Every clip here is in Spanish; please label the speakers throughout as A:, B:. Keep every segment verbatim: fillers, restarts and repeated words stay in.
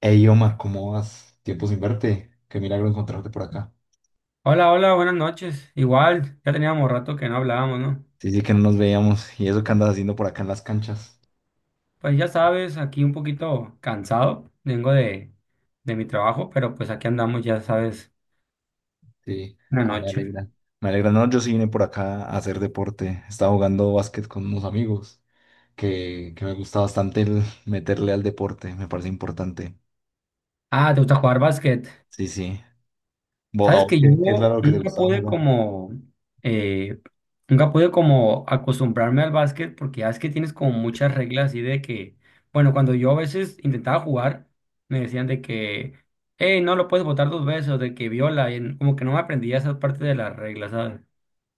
A: Hey, Omar, ¿cómo vas? Tiempo sin verte. Qué milagro encontrarte por acá.
B: Hola, hola, buenas noches. Igual, ya teníamos rato que no hablábamos, ¿no?
A: Sí, sí, que no nos veíamos. ¿Y eso que andas haciendo por acá en las canchas?
B: Pues ya sabes, aquí un poquito cansado, vengo de, de mi trabajo, pero pues aquí andamos, ya sabes,
A: Sí,
B: una
A: ah, me
B: noche.
A: alegra. Me alegra. No, yo sí vine por acá a hacer deporte. Estaba jugando básquet con unos amigos, que, que me gusta bastante el meterle al deporte. Me parece importante.
B: Ah, ¿te gusta jugar básquet?
A: Sí, sí. ¿Vo- ¿A
B: Sabes
A: vos
B: que
A: qué, qué es
B: yo
A: lo que te
B: nunca
A: gustaba
B: pude
A: jugar?
B: como, eh, nunca pude como acostumbrarme al básquet porque ya es que tienes como muchas reglas y de que, bueno, cuando yo a veces intentaba jugar, me decían de que, hey, no lo puedes botar dos veces, o de que viola, y en- como que no me aprendía esa parte de las reglas, ¿sabes?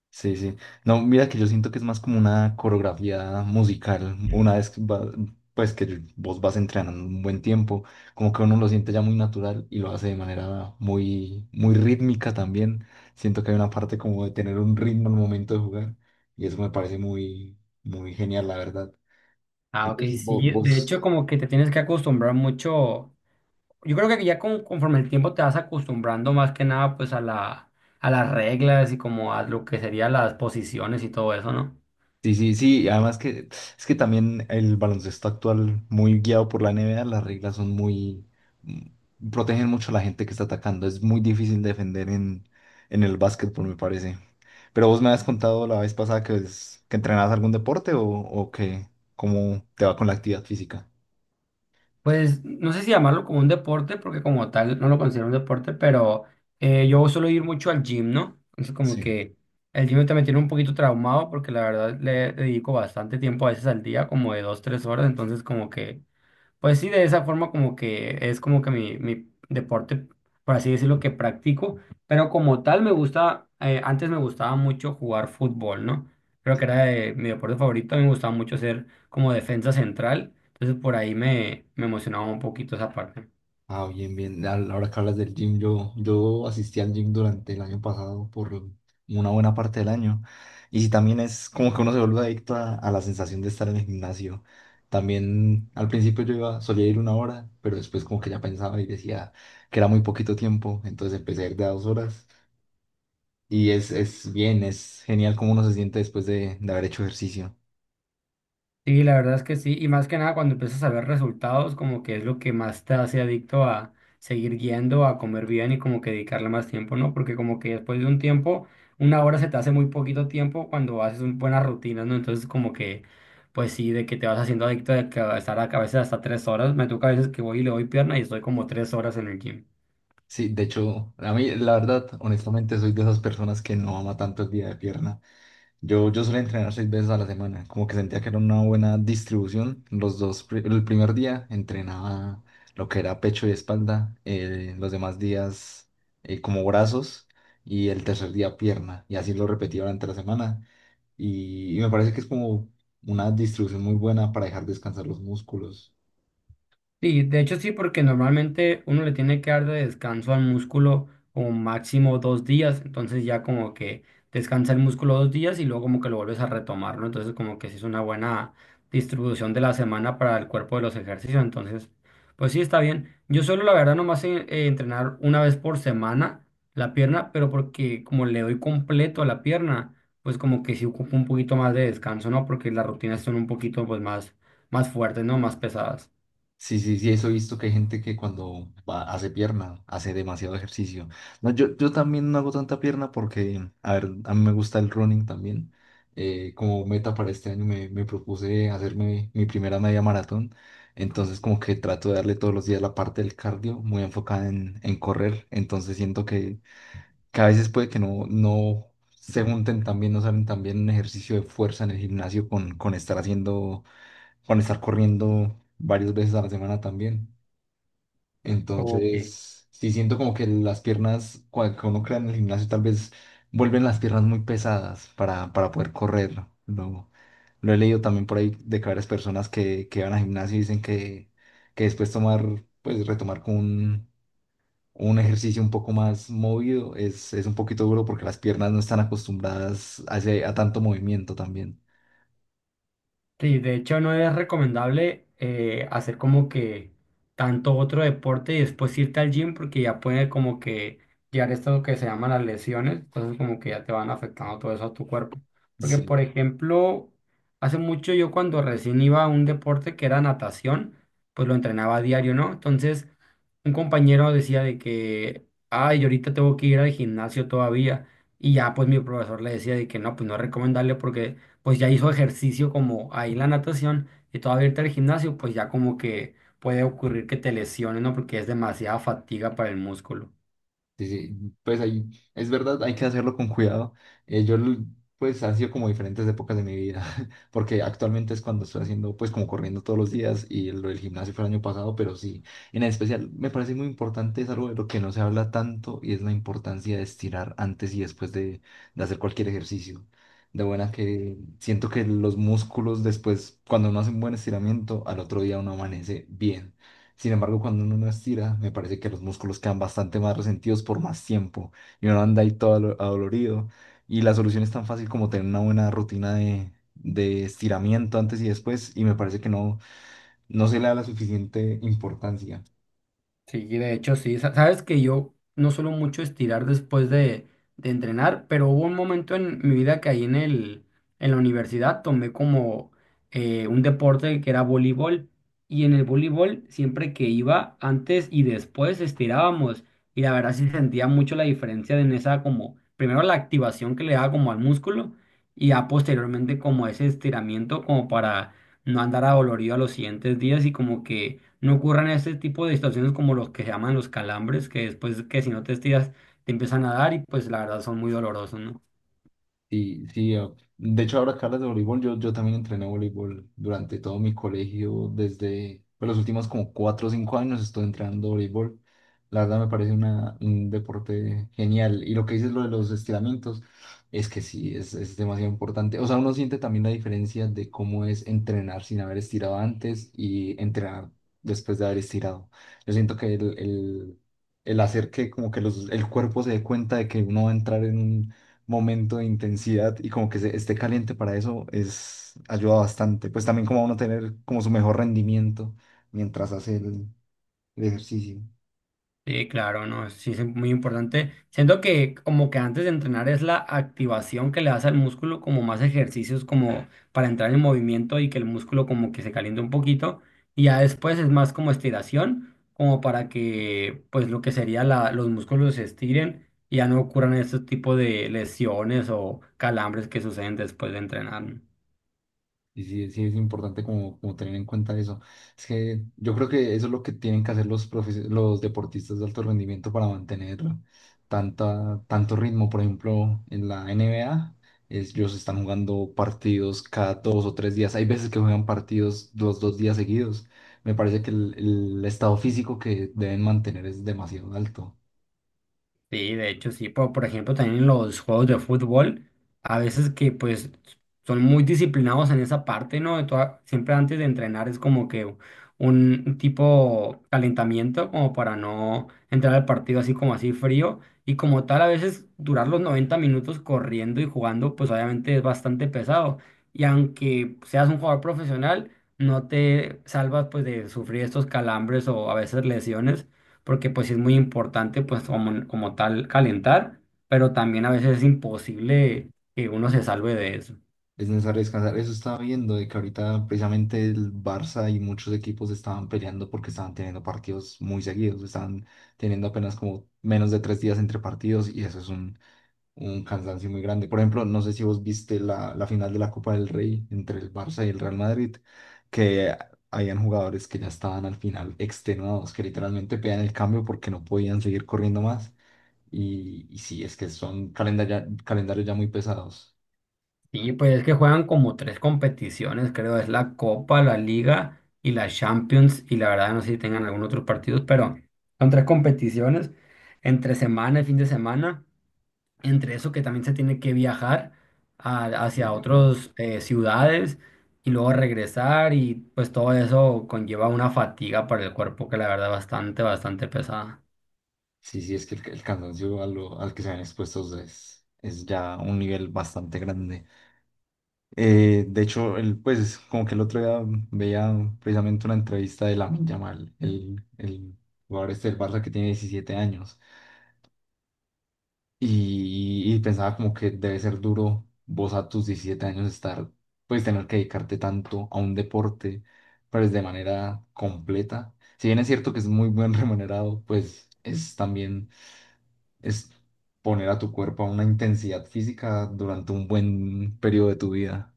A: Sí, sí. No, mira que yo siento que es más como una coreografía musical. Una vez que va- pues que yo- vos vas entrenando un buen tiempo, como que uno lo siente ya muy natural y lo hace de manera muy, muy rítmica también. Siento que hay una parte como de tener un ritmo al momento de jugar y eso me parece muy, muy genial, la verdad.
B: Ah, ok,
A: Entonces, vo-
B: sí, de hecho
A: vos,
B: como que te tienes que acostumbrar mucho, yo creo que ya con, conforme el tiempo te vas acostumbrando más que nada pues a la, a las reglas y como a lo que serían las posiciones y todo eso, ¿no?
A: Sí, sí, sí, además que es que también el baloncesto actual, muy guiado por la N B A, las reglas son muy, mm, protegen mucho a la gente que está atacando, es muy difícil defender en, en el básquetbol, me parece. Pero vos me habías contado la vez pasada que, es- que entrenabas algún deporte o, o que cómo te va con la actividad física.
B: Pues no sé si llamarlo como un deporte, porque como tal no lo considero un deporte, pero eh, yo suelo ir mucho al gym, ¿no? Entonces como
A: Sí.
B: que el gym también tiene un poquito traumado, porque la verdad le dedico bastante tiempo a veces al día, como de dos, tres horas, entonces como que pues sí, de esa forma como que es como que mi, mi deporte, por así decirlo, que practico, pero como tal me gusta, eh, antes me gustaba mucho jugar fútbol, ¿no? Creo que era de- mi deporte favorito, me gustaba mucho ser como defensa central, entonces por ahí me, me emocionaba un poquito esa parte.
A: Ah, bien, bien. Al- Ahora que hablas del gym, yo, yo asistí al gym durante el año pasado por una buena parte del año. Y sí, también es como que uno se vuelve adicto a, a la sensación de estar en el gimnasio. También al principio yo iba, solía ir una hora, pero después como que ya pensaba y decía que era muy poquito tiempo, entonces empecé a ir de a dos horas. Y es, es bien, es genial cómo uno se siente después de, de haber hecho ejercicio.
B: Sí, la verdad es que sí, y más que nada cuando empiezas a ver resultados, como que es lo que más te hace adicto a seguir yendo, a comer bien y como que dedicarle más tiempo, ¿no? Porque como que después de un tiempo, una hora se te hace muy poquito tiempo cuando haces un, buenas rutinas, ¿no? Entonces como que, pues sí, de que te vas haciendo adicto de que estar a veces hasta tres horas, me toca a veces que voy y le doy pierna y estoy como tres horas en el gym.
A: Sí, de hecho, a mí la verdad, honestamente, soy de esas personas que no ama tanto el día de pierna. Yo, yo solía entrenar seis veces a la semana, como que sentía que era una buena distribución. Los dos, pri- el primer día entrenaba lo que era pecho y espalda, eh, los demás días eh, como brazos y el tercer día pierna. Y así lo repetía durante la semana. Y, y me parece que es como una distribución muy buena para dejar descansar los músculos.
B: Sí, de hecho sí, porque normalmente uno le tiene que dar de descanso al músculo como máximo dos días, entonces ya como que descansa el músculo dos días y luego como que lo vuelves a retomar, ¿no? Entonces como que sí es una buena distribución de la semana para el cuerpo de los ejercicios, entonces pues sí está bien. Yo suelo la verdad nomás eh, eh, entrenar una vez por semana la pierna, pero porque como le doy completo a la pierna, pues como que sí ocupo un poquito más de descanso, ¿no? Porque las rutinas son un poquito pues más, más fuertes, ¿no? Más pesadas.
A: Sí, sí, sí, eso he visto que hay gente que cuando va- hace pierna, hace demasiado ejercicio. No, yo, yo también no hago tanta pierna porque, a ver, a mí me gusta el running también. Eh, como meta para este año me, me propuse hacerme mi primera media maratón. Entonces como que trato de darle todos los días la parte del cardio muy enfocada en, en correr. Entonces siento que, que a veces puede que no, no se junten tan bien, no salen tan bien un ejercicio de fuerza en el gimnasio con, con estar haciendo para estar corriendo varias veces a la semana también.
B: Ok.
A: Entonces, sí siento como que las piernas, cua- que uno crea en el gimnasio, tal vez vuelven las piernas muy pesadas para, para poder correr. Lo, lo he leído también por ahí de que varias personas que, que van al gimnasio y dicen que, que después tomar, pues retomar con un, un ejercicio un poco más movido es, es un poquito duro porque las piernas no están acostumbradas a, ese- a tanto movimiento también.
B: Sí, de hecho no es recomendable eh, hacer como que tanto otro deporte y después irte al gym porque ya puede como que llegar a esto que se llaman las lesiones, entonces como que ya te van afectando todo eso a tu cuerpo. Porque por
A: Sí.
B: ejemplo, hace mucho yo cuando recién iba a un deporte que era natación, pues lo entrenaba a diario, ¿no? Entonces un compañero decía de que, ay, yo ahorita tengo que ir al gimnasio todavía y ya pues mi profesor le decía de que no, pues no es recomendable porque pues ya hizo ejercicio como ahí la natación y todavía irte al gimnasio, pues ya como que puede ocurrir que te lesiones, ¿no? Porque es demasiada fatiga para el músculo.
A: Sí, sí, pues ahí, es verdad, hay que hacerlo con cuidado. Eh, yo, l- pues, ha sido como diferentes épocas de mi vida, porque actualmente es cuando estoy haciendo, pues, como corriendo todos los días y lo del gimnasio fue el año pasado, pero sí, en especial me parece muy importante, es algo de lo que no se habla tanto y es la importancia de estirar antes y después de, de hacer cualquier ejercicio. De buena que siento que los músculos después, cuando uno hace un buen estiramiento, al otro día uno amanece bien. Sin embargo, cuando uno no estira, me parece que los músculos quedan bastante más resentidos por más tiempo y uno anda ahí todo alo- adolorido. Y la solución es tan fácil como tener una buena rutina de, de estiramiento antes y después y me parece que no, no se le da la suficiente importancia.
B: Sí, de hecho, sí. Sa- Sabes que yo no suelo mucho estirar después de, de entrenar, pero hubo un momento en mi vida que ahí en el, en la universidad tomé como eh, un deporte que era voleibol. Y en el voleibol, siempre que iba, antes y después estirábamos. Y la verdad sí sentía mucho la diferencia en esa como, primero la activación que le daba como al músculo y ya posteriormente como ese estiramiento como para no andar adolorido a los siguientes días y como que no ocurran este tipo de situaciones como los que se llaman los calambres, que después que si no te estiras te empiezan a dar y pues la verdad son muy dolorosos, ¿no?
A: Sí, sí, ah, de hecho ahora que hablas de voleibol, yo, yo también entrené voleibol durante todo mi colegio, desde pues, los últimos como cuatro o cinco años estoy entrenando voleibol. La verdad me parece una, un deporte genial. Y lo que dices lo de los estiramientos, es que sí, es, es demasiado importante. O sea, uno siente también la diferencia de cómo es entrenar sin haber estirado antes y entrenar después de haber estirado. Yo siento que el, el, el hacer que como que los, el cuerpo se dé cuenta de que uno va a entrar en un momento de intensidad y como que se- esté caliente para eso es ayuda bastante. Pues también como a uno tener como su mejor rendimiento mientras hace el, el ejercicio.
B: Sí, claro, no, sí es muy importante. Siento que como que antes de entrenar es la activación que le das al músculo, como más ejercicios como para entrar en movimiento y que el músculo como que se caliente un poquito y ya después es más como estiración, como para que pues lo que sería la, los músculos se estiren y ya no ocurran estos tipos de lesiones o calambres que suceden después de entrenar, ¿no?
A: Y sí, sí es importante como, como tener en cuenta eso. Es que yo creo que eso es lo que tienen que hacer los profes- los deportistas de alto rendimiento para mantener tanta, tanto ritmo. Por ejemplo, en la N B A, es- ellos están jugando partidos cada dos o tres días. Hay veces que juegan partidos los dos días seguidos. Me parece que el, el estado físico que deben mantener es demasiado alto.
B: Sí, de hecho, sí, por, por ejemplo, también en los juegos de fútbol, a veces que pues son muy disciplinados en esa parte, ¿no? De toda- siempre antes de entrenar es como que un tipo calentamiento como para no entrar al partido así como así frío y como tal a veces durar los noventa minutos corriendo y jugando pues obviamente es bastante pesado y aunque seas un jugador profesional no te salvas pues de sufrir estos calambres o a veces lesiones porque pues sí es muy importante pues como, como tal calentar, pero también a veces es imposible que uno se salve de eso.
A: Es necesario descansar. Eso estaba viendo de que ahorita precisamente el Barça y muchos equipos estaban peleando porque estaban teniendo partidos muy seguidos, estaban teniendo apenas como menos de tres días entre partidos y eso es un, un cansancio muy grande. Por ejemplo, no sé si vos viste la, la final de la Copa del Rey entre el Barça y el Real Madrid, que habían jugadores que ya estaban al final extenuados, que literalmente pedían el cambio porque no podían seguir corriendo más. Y, y sí, es que son calendaria- calendarios ya muy pesados.
B: Y pues es que juegan como tres competiciones, creo, es la Copa, la Liga y la Champions, y la verdad no sé si tengan algún otro partido, pero son tres competiciones entre semana y fin de semana. Entre eso que también se tiene que viajar a- hacia otras ciudades y luego regresar y pues todo eso conlleva una fatiga para el cuerpo que la verdad es bastante, bastante pesada.
A: Sí, sí, es que el, el cansancio a lo- al que se ven expuestos es, es ya un nivel bastante grande. Eh, de hecho, el, pues como que el otro día veía precisamente una entrevista de Lamine Yamal, el, el jugador este del Barça que tiene diecisiete años, y, y pensaba como que debe ser duro vos a tus diecisiete años estar, pues tener que dedicarte tanto a un deporte, pues de manera completa. Si bien es cierto que es muy buen remunerado, pues es también es poner a tu cuerpo a una intensidad física durante un buen periodo de tu vida.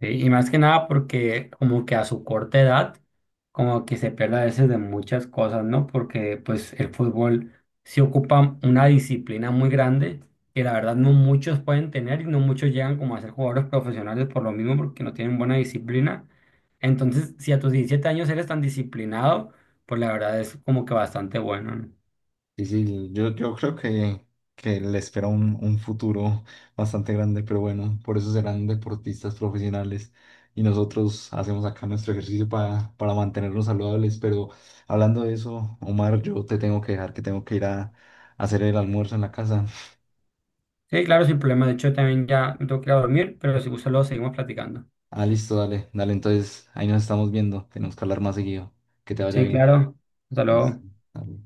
B: Sí, y más que nada porque como que a su corta edad, como que se pierde a veces de muchas cosas, ¿no? Porque pues el fútbol sí ocupa una disciplina muy grande que la verdad no muchos pueden tener y no muchos llegan como a ser jugadores profesionales por lo mismo porque no tienen buena disciplina. Entonces, si a tus diecisiete años eres tan disciplinado, pues la verdad es como que bastante bueno, ¿no?
A: Y sí, yo, yo creo que, que le espera un, un futuro bastante grande, pero bueno, por eso serán deportistas profesionales y nosotros hacemos acá nuestro ejercicio para, para mantenernos saludables. Pero hablando de eso, Omar, yo te tengo que dejar que tengo que ir a, a hacer el almuerzo en la casa.
B: Sí, claro, sin problema. De hecho, también ya me tengo que ir a dormir, pero si gusta luego seguimos platicando.
A: Ah, listo, dale, dale, entonces ahí nos estamos viendo, tenemos que hablar más seguido. Que te vaya
B: Sí,
A: bien.
B: claro. Hasta luego.
A: Listo, dale.